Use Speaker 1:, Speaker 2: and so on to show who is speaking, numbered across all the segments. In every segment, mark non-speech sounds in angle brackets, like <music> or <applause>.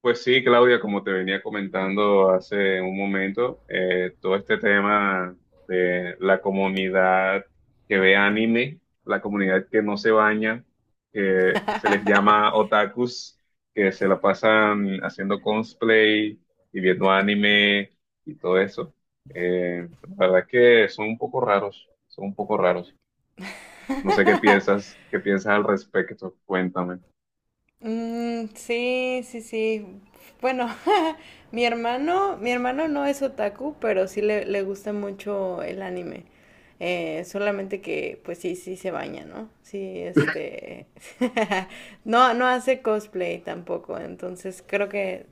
Speaker 1: Pues sí, Claudia, como te venía comentando hace un momento, todo este tema de la comunidad que ve anime, la comunidad que no se baña, que se les llama otakus, que se la pasan haciendo cosplay y viendo anime y todo eso. La verdad que son un poco raros, son un poco raros. No sé
Speaker 2: <laughs>
Speaker 1: qué piensas al respecto, cuéntame.
Speaker 2: Sí, sí, sí. Bueno, <laughs> mi hermano no es otaku, pero sí le gusta mucho el anime. Solamente que, pues sí, sí se baña, ¿no? Sí, <laughs> no hace cosplay tampoco, entonces creo que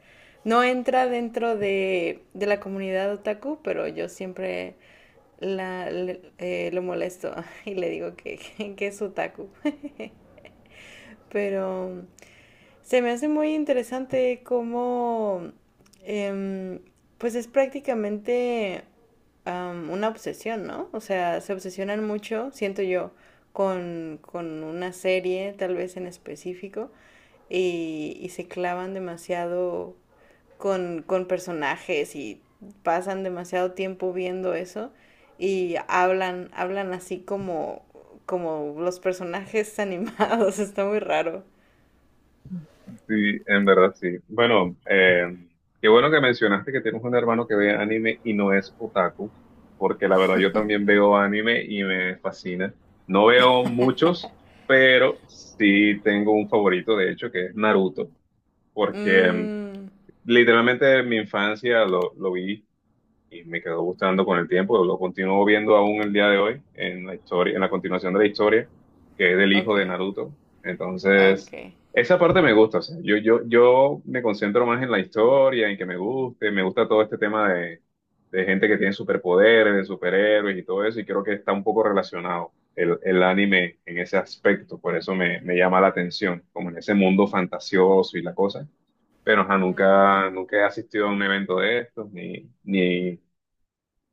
Speaker 2: no entra dentro de la comunidad otaku, pero yo siempre lo molesto <laughs> y le digo que, <laughs> que es otaku. Pero se me hace muy interesante cómo, em, pues es prácticamente una obsesión, ¿no? O sea, se obsesionan mucho, siento yo, con una serie, tal vez en específico, y se clavan demasiado con personajes y pasan demasiado tiempo viendo eso y hablan así como los personajes animados. <laughs> Está muy raro.
Speaker 1: Sí, en verdad sí. Bueno, qué bueno que mencionaste que tienes un hermano que ve anime y no es otaku, porque la verdad yo también veo anime y me fascina. No veo muchos, pero sí tengo un favorito, de hecho, que es Naruto, porque
Speaker 2: Mm,
Speaker 1: literalmente en mi infancia lo vi y me quedó gustando con el tiempo. Lo continúo viendo aún el día de hoy en la historia, en la continuación de la historia, que es del
Speaker 2: ok,
Speaker 1: hijo de Naruto.
Speaker 2: ok.
Speaker 1: Entonces, esa parte me gusta. O sea, yo me concentro más en la historia, en que me guste, me gusta todo este tema de gente que tiene superpoderes, de superhéroes y todo eso, y creo que está un poco relacionado. El anime en ese aspecto, por eso me llama la atención, como en ese mundo fantasioso y la cosa, pero ajá, nunca,
Speaker 2: Mm.
Speaker 1: nunca he asistido a un evento de estos, ni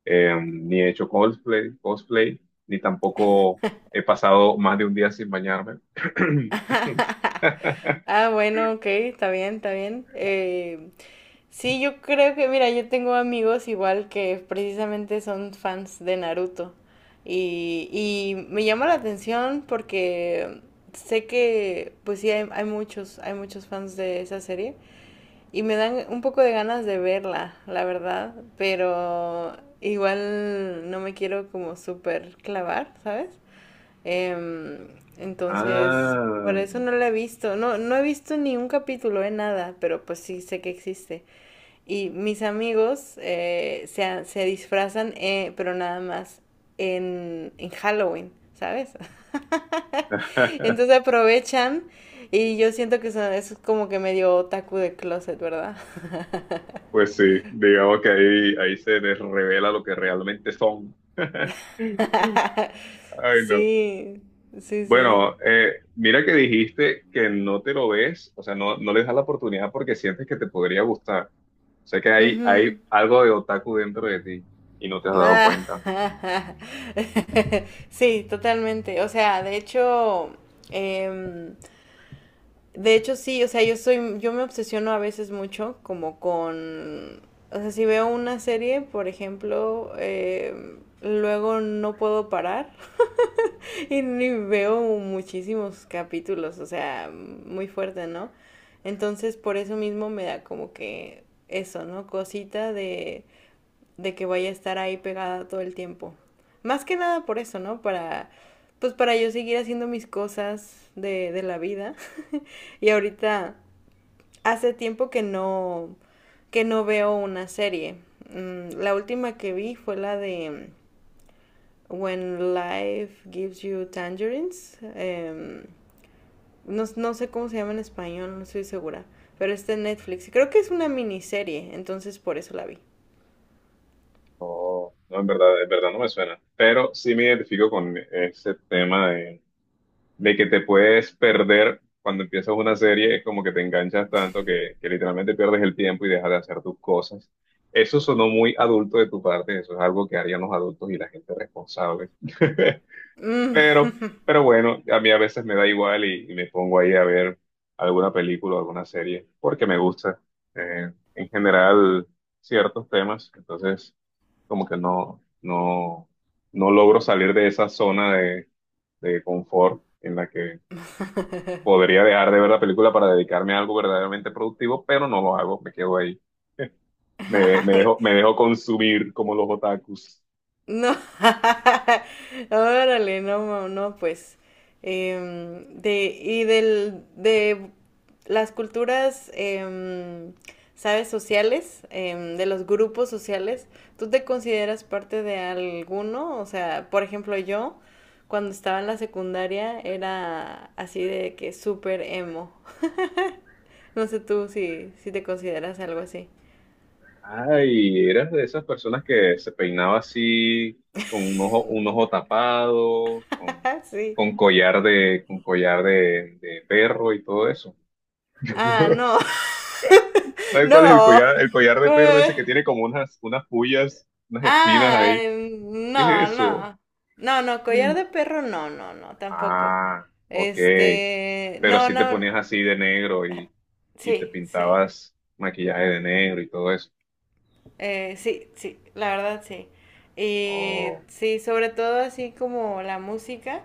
Speaker 1: ni he hecho cosplay, cosplay, ni tampoco he pasado más de un día sin bañarme. <clears throat>
Speaker 2: <laughs> Ah, bueno, ok, está bien, está bien. Sí, yo creo que, mira, yo tengo amigos igual que precisamente son fans de Naruto. Y me llama la atención porque sé que, pues sí, hay muchos fans de esa serie. Y me dan un poco de ganas de verla, la verdad, pero igual no me quiero como súper clavar, ¿sabes? Em, entonces, por
Speaker 1: Ah,
Speaker 2: eso no la he visto. No he visto ni un capítulo de nada, pero pues sí sé que existe. Y mis amigos se disfrazan, pero nada más en Halloween, ¿sabes? <laughs> Entonces
Speaker 1: <laughs>
Speaker 2: aprovechan y yo siento que es como que medio otaku de closet, ¿verdad?
Speaker 1: pues sí, digamos que ahí, ahí se les revela lo que realmente son.
Speaker 2: <laughs>
Speaker 1: Ay, no.
Speaker 2: Sí, sí, sí.
Speaker 1: Bueno, mira que dijiste que no te lo ves, o sea, no, no le das la oportunidad porque sientes que te podría gustar. Sé que hay
Speaker 2: Ujú.
Speaker 1: algo de otaku dentro de ti y no te has dado cuenta.
Speaker 2: Ah, <laughs> sí, totalmente. O sea, de hecho, em, de hecho sí, o sea, yo soy, yo me obsesiono a veces mucho como con, si veo una serie, por ejemplo, luego no puedo parar. Y veo muchísimos capítulos, o sea, muy fuerte, ¿no? Entonces, por eso mismo me da como que eso, ¿no? Cosita de que vaya a estar ahí pegada todo el tiempo. Más que nada por eso, ¿no? Pues para yo seguir haciendo mis cosas de la vida. Y ahorita hace tiempo que no veo una serie. Mm, la última que vi fue la de When Life Gives You Tangerines. No, no sé cómo se llama en español, no estoy segura. Pero está en Netflix. Y creo que es una miniserie, entonces por eso la vi.
Speaker 1: Oh, no, en verdad no me suena, pero sí me identifico con ese tema de que te puedes perder cuando empiezas una serie, es como que te enganchas tanto que literalmente pierdes el tiempo y dejas de hacer tus cosas. Eso sonó muy adulto de tu parte, eso es algo que harían los adultos y la gente responsable. <laughs>
Speaker 2: Mm.
Speaker 1: Pero, pero bueno, a mí a veces me da igual y me pongo ahí a ver alguna película o alguna serie porque me gusta en general ciertos temas, entonces como que no logro salir de esa zona de confort en la que podría dejar de ver la película para dedicarme a algo verdaderamente productivo, pero no lo hago, me quedo ahí. <laughs> Me me
Speaker 2: <laughs>
Speaker 1: dejo consumir como los otakus.
Speaker 2: No, <laughs> órale, no, ma- no, pues, de las culturas, sabes, sociales, de los grupos sociales, ¿tú te consideras parte de alguno? O sea, por ejemplo, yo, cuando estaba en la secundaria, era así de que súper emo. <laughs> No sé tú si te consideras algo así.
Speaker 1: Ay, eras de esas personas que se peinaba así, con un ojo tapado,
Speaker 2: <laughs> Sí.
Speaker 1: con collar de perro y todo eso.
Speaker 2: Ah,
Speaker 1: <laughs>
Speaker 2: no, <laughs>
Speaker 1: ¿Sabes cuál es
Speaker 2: no.
Speaker 1: el collar de
Speaker 2: ¿Cómo?
Speaker 1: perro ese que tiene como unas, unas pullas, unas espinas
Speaker 2: Ah,
Speaker 1: ahí? ¿Qué
Speaker 2: no,
Speaker 1: es eso?
Speaker 2: no. No, no, collar de perro, no, no, no, tampoco.
Speaker 1: Ah, ok. Pero
Speaker 2: No,
Speaker 1: si te
Speaker 2: no,
Speaker 1: ponías así de negro y te
Speaker 2: sí, sí.
Speaker 1: pintabas maquillaje de negro y todo eso.
Speaker 2: Sí, sí, la verdad sí. Y
Speaker 1: Oh.
Speaker 2: sí, sobre todo así como la música,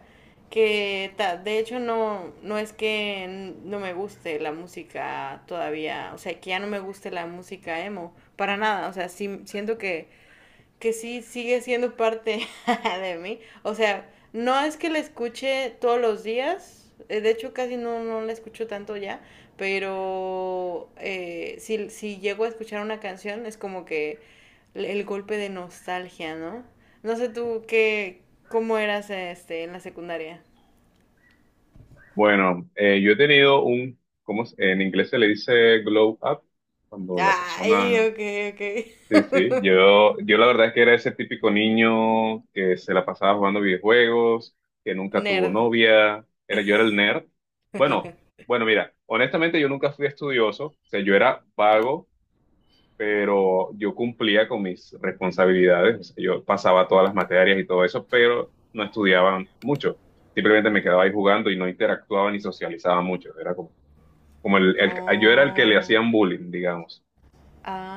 Speaker 2: de hecho no, no me guste la música todavía, o sea, que ya no me guste la música emo, para nada, o sea, sí siento que sí sigue siendo parte <laughs> de mí. O sea, no es que la escuche todos los días, de hecho casi no, no la escucho tanto ya, pero si llego a escuchar una canción es como que el golpe de nostalgia, ¿no? No sé tú qué, cómo eras en la secundaria.
Speaker 1: Bueno, yo he tenido un, ¿cómo es? En inglés se le dice glow up, cuando la
Speaker 2: Ay,
Speaker 1: persona.
Speaker 2: ok,
Speaker 1: Sí,
Speaker 2: ok.
Speaker 1: sí, yo la verdad es que era ese típico niño que se la pasaba jugando videojuegos, que nunca tuvo
Speaker 2: Nerd.
Speaker 1: novia, era, yo era el nerd. Bueno, bueno, mira, honestamente yo nunca fui estudioso, o sea, yo era vago, pero yo cumplía con mis responsabilidades, o sea, yo pasaba todas las materias y todo eso, pero no estudiaba mucho, simplemente me quedaba ahí jugando y no interactuaba ni socializaba mucho, era como, como yo era el que le
Speaker 2: Oh,
Speaker 1: hacían bullying, digamos.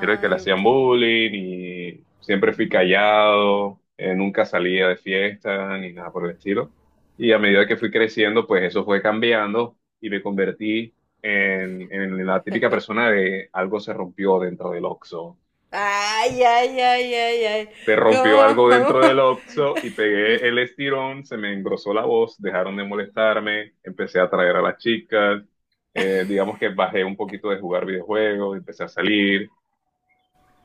Speaker 1: Era el que le hacían
Speaker 2: ok.
Speaker 1: bullying y siempre fui callado, nunca salía de fiesta ni nada por el estilo. Y a medida que fui creciendo, pues eso fue cambiando y me convertí en la típica persona de algo se rompió dentro del Oxxo.
Speaker 2: Ay, ay, ay, ay, ay.
Speaker 1: Se rompió algo
Speaker 2: ¿Cómo?
Speaker 1: dentro del
Speaker 2: <laughs>
Speaker 1: Oxxo y pegué el estirón, se me engrosó la voz, dejaron de molestarme, empecé a atraer a las chicas, digamos que bajé un poquito de jugar videojuegos, empecé a salir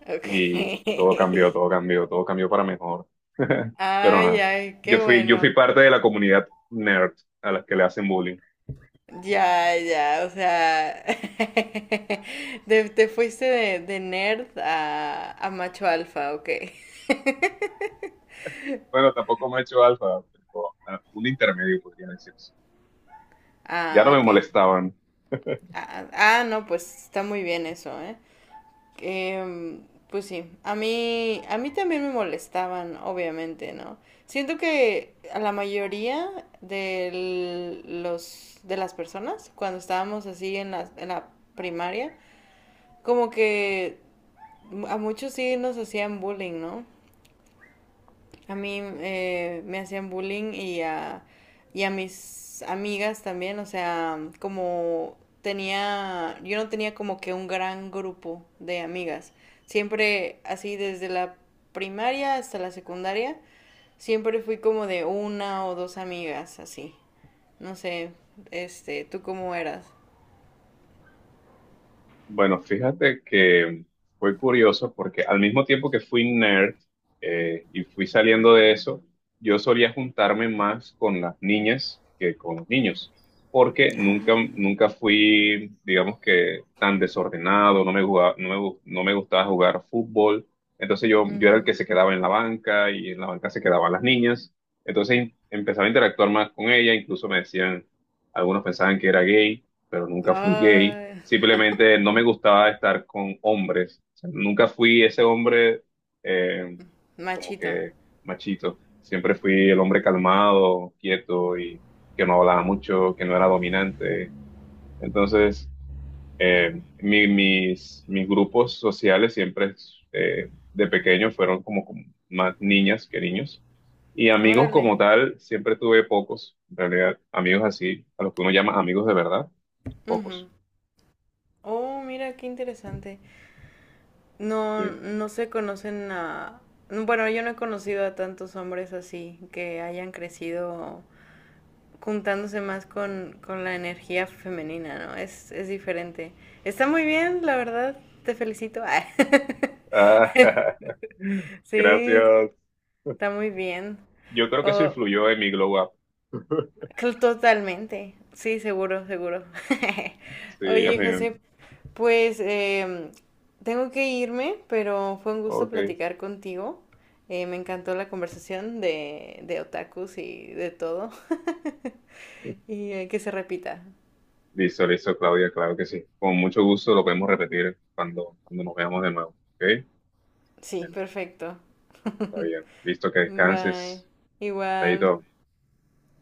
Speaker 2: Ok.
Speaker 1: y todo cambió, todo cambió, todo cambió para mejor. <laughs> Pero
Speaker 2: Ay,
Speaker 1: nada,
Speaker 2: ay, qué
Speaker 1: yo fui
Speaker 2: bueno.
Speaker 1: parte de la comunidad nerd a las que le hacen bullying.
Speaker 2: Ya, ya, o sea, <laughs> te fuiste de nerd a macho alfa, ok. <laughs>
Speaker 1: Bueno, tampoco me he hecho alfa, pero a un intermedio podría decirse. Ya no
Speaker 2: Ah,
Speaker 1: me
Speaker 2: ok.
Speaker 1: molestaban.
Speaker 2: Ah, ah, ah, no, pues está muy bien eso, ¿eh? Eh, pues sí, a mí también me molestaban, obviamente, ¿no? Siento que a la mayoría de las personas, cuando estábamos así en en la primaria, como que a muchos sí nos hacían bullying, ¿no? A mí me hacían bullying y y a mis amigas también, o sea, como tenía, yo no tenía como que un gran grupo de amigas. Siempre así desde la primaria hasta la secundaria, siempre fui como de una o dos amigas así. No sé, ¿tú cómo eras?
Speaker 1: Bueno, fíjate que fue curioso porque al mismo tiempo que fui nerd y fui saliendo de eso, yo solía juntarme más con las niñas que con los niños, porque nunca, nunca fui, digamos que, tan desordenado, no me jugaba- no me, gu- no me gustaba jugar fútbol, entonces yo era el que
Speaker 2: Ujú.
Speaker 1: se quedaba en la banca y en la banca se quedaban las niñas, entonces empezaba a interactuar más con ella, incluso me decían, algunos pensaban que era gay, pero nunca fui gay.
Speaker 2: Ay,
Speaker 1: Simplemente no me gustaba estar con hombres. O sea, nunca fui ese hombre eh, como
Speaker 2: machito.
Speaker 1: que machito. Siempre fui el hombre calmado, quieto y que no hablaba mucho, que no era dominante. Entonces, mis grupos sociales siempre de pequeño fueron como como más niñas que niños. Y amigos
Speaker 2: Órale.
Speaker 1: como tal, siempre tuve pocos, en realidad, amigos así, a los que uno llama amigos de verdad,
Speaker 2: Ujú.
Speaker 1: pocos.
Speaker 2: Oh, mira, qué interesante. No,
Speaker 1: Sí.
Speaker 2: no se conocen a... Bueno, yo no he conocido a tantos hombres así que hayan crecido juntándose más con la energía femenina, ¿no? Es diferente. Está muy bien, la verdad. Te felicito. <laughs> Ah,
Speaker 1: Ah, <laughs>
Speaker 2: sí,
Speaker 1: gracias.
Speaker 2: está muy bien.
Speaker 1: Yo creo que eso
Speaker 2: Oh,
Speaker 1: influyó en mi glow up.
Speaker 2: totalmente. Sí, seguro, seguro. <laughs>
Speaker 1: Sí, ella
Speaker 2: Oye,
Speaker 1: me...
Speaker 2: José, pues tengo que irme, pero fue un gusto
Speaker 1: Ok.
Speaker 2: platicar contigo. Me encantó la conversación de otakus y de todo. <laughs> Y que se repita.
Speaker 1: Listo, listo, Claudia, claro que sí. Con mucho gusto lo podemos repetir cuando, cuando nos veamos de nuevo. ¿Ok?
Speaker 2: Sí,
Speaker 1: Bueno,
Speaker 2: perfecto.
Speaker 1: está
Speaker 2: <laughs>
Speaker 1: bien. Listo, que
Speaker 2: Bye.
Speaker 1: descanses. Ahí
Speaker 2: Igual.
Speaker 1: todo.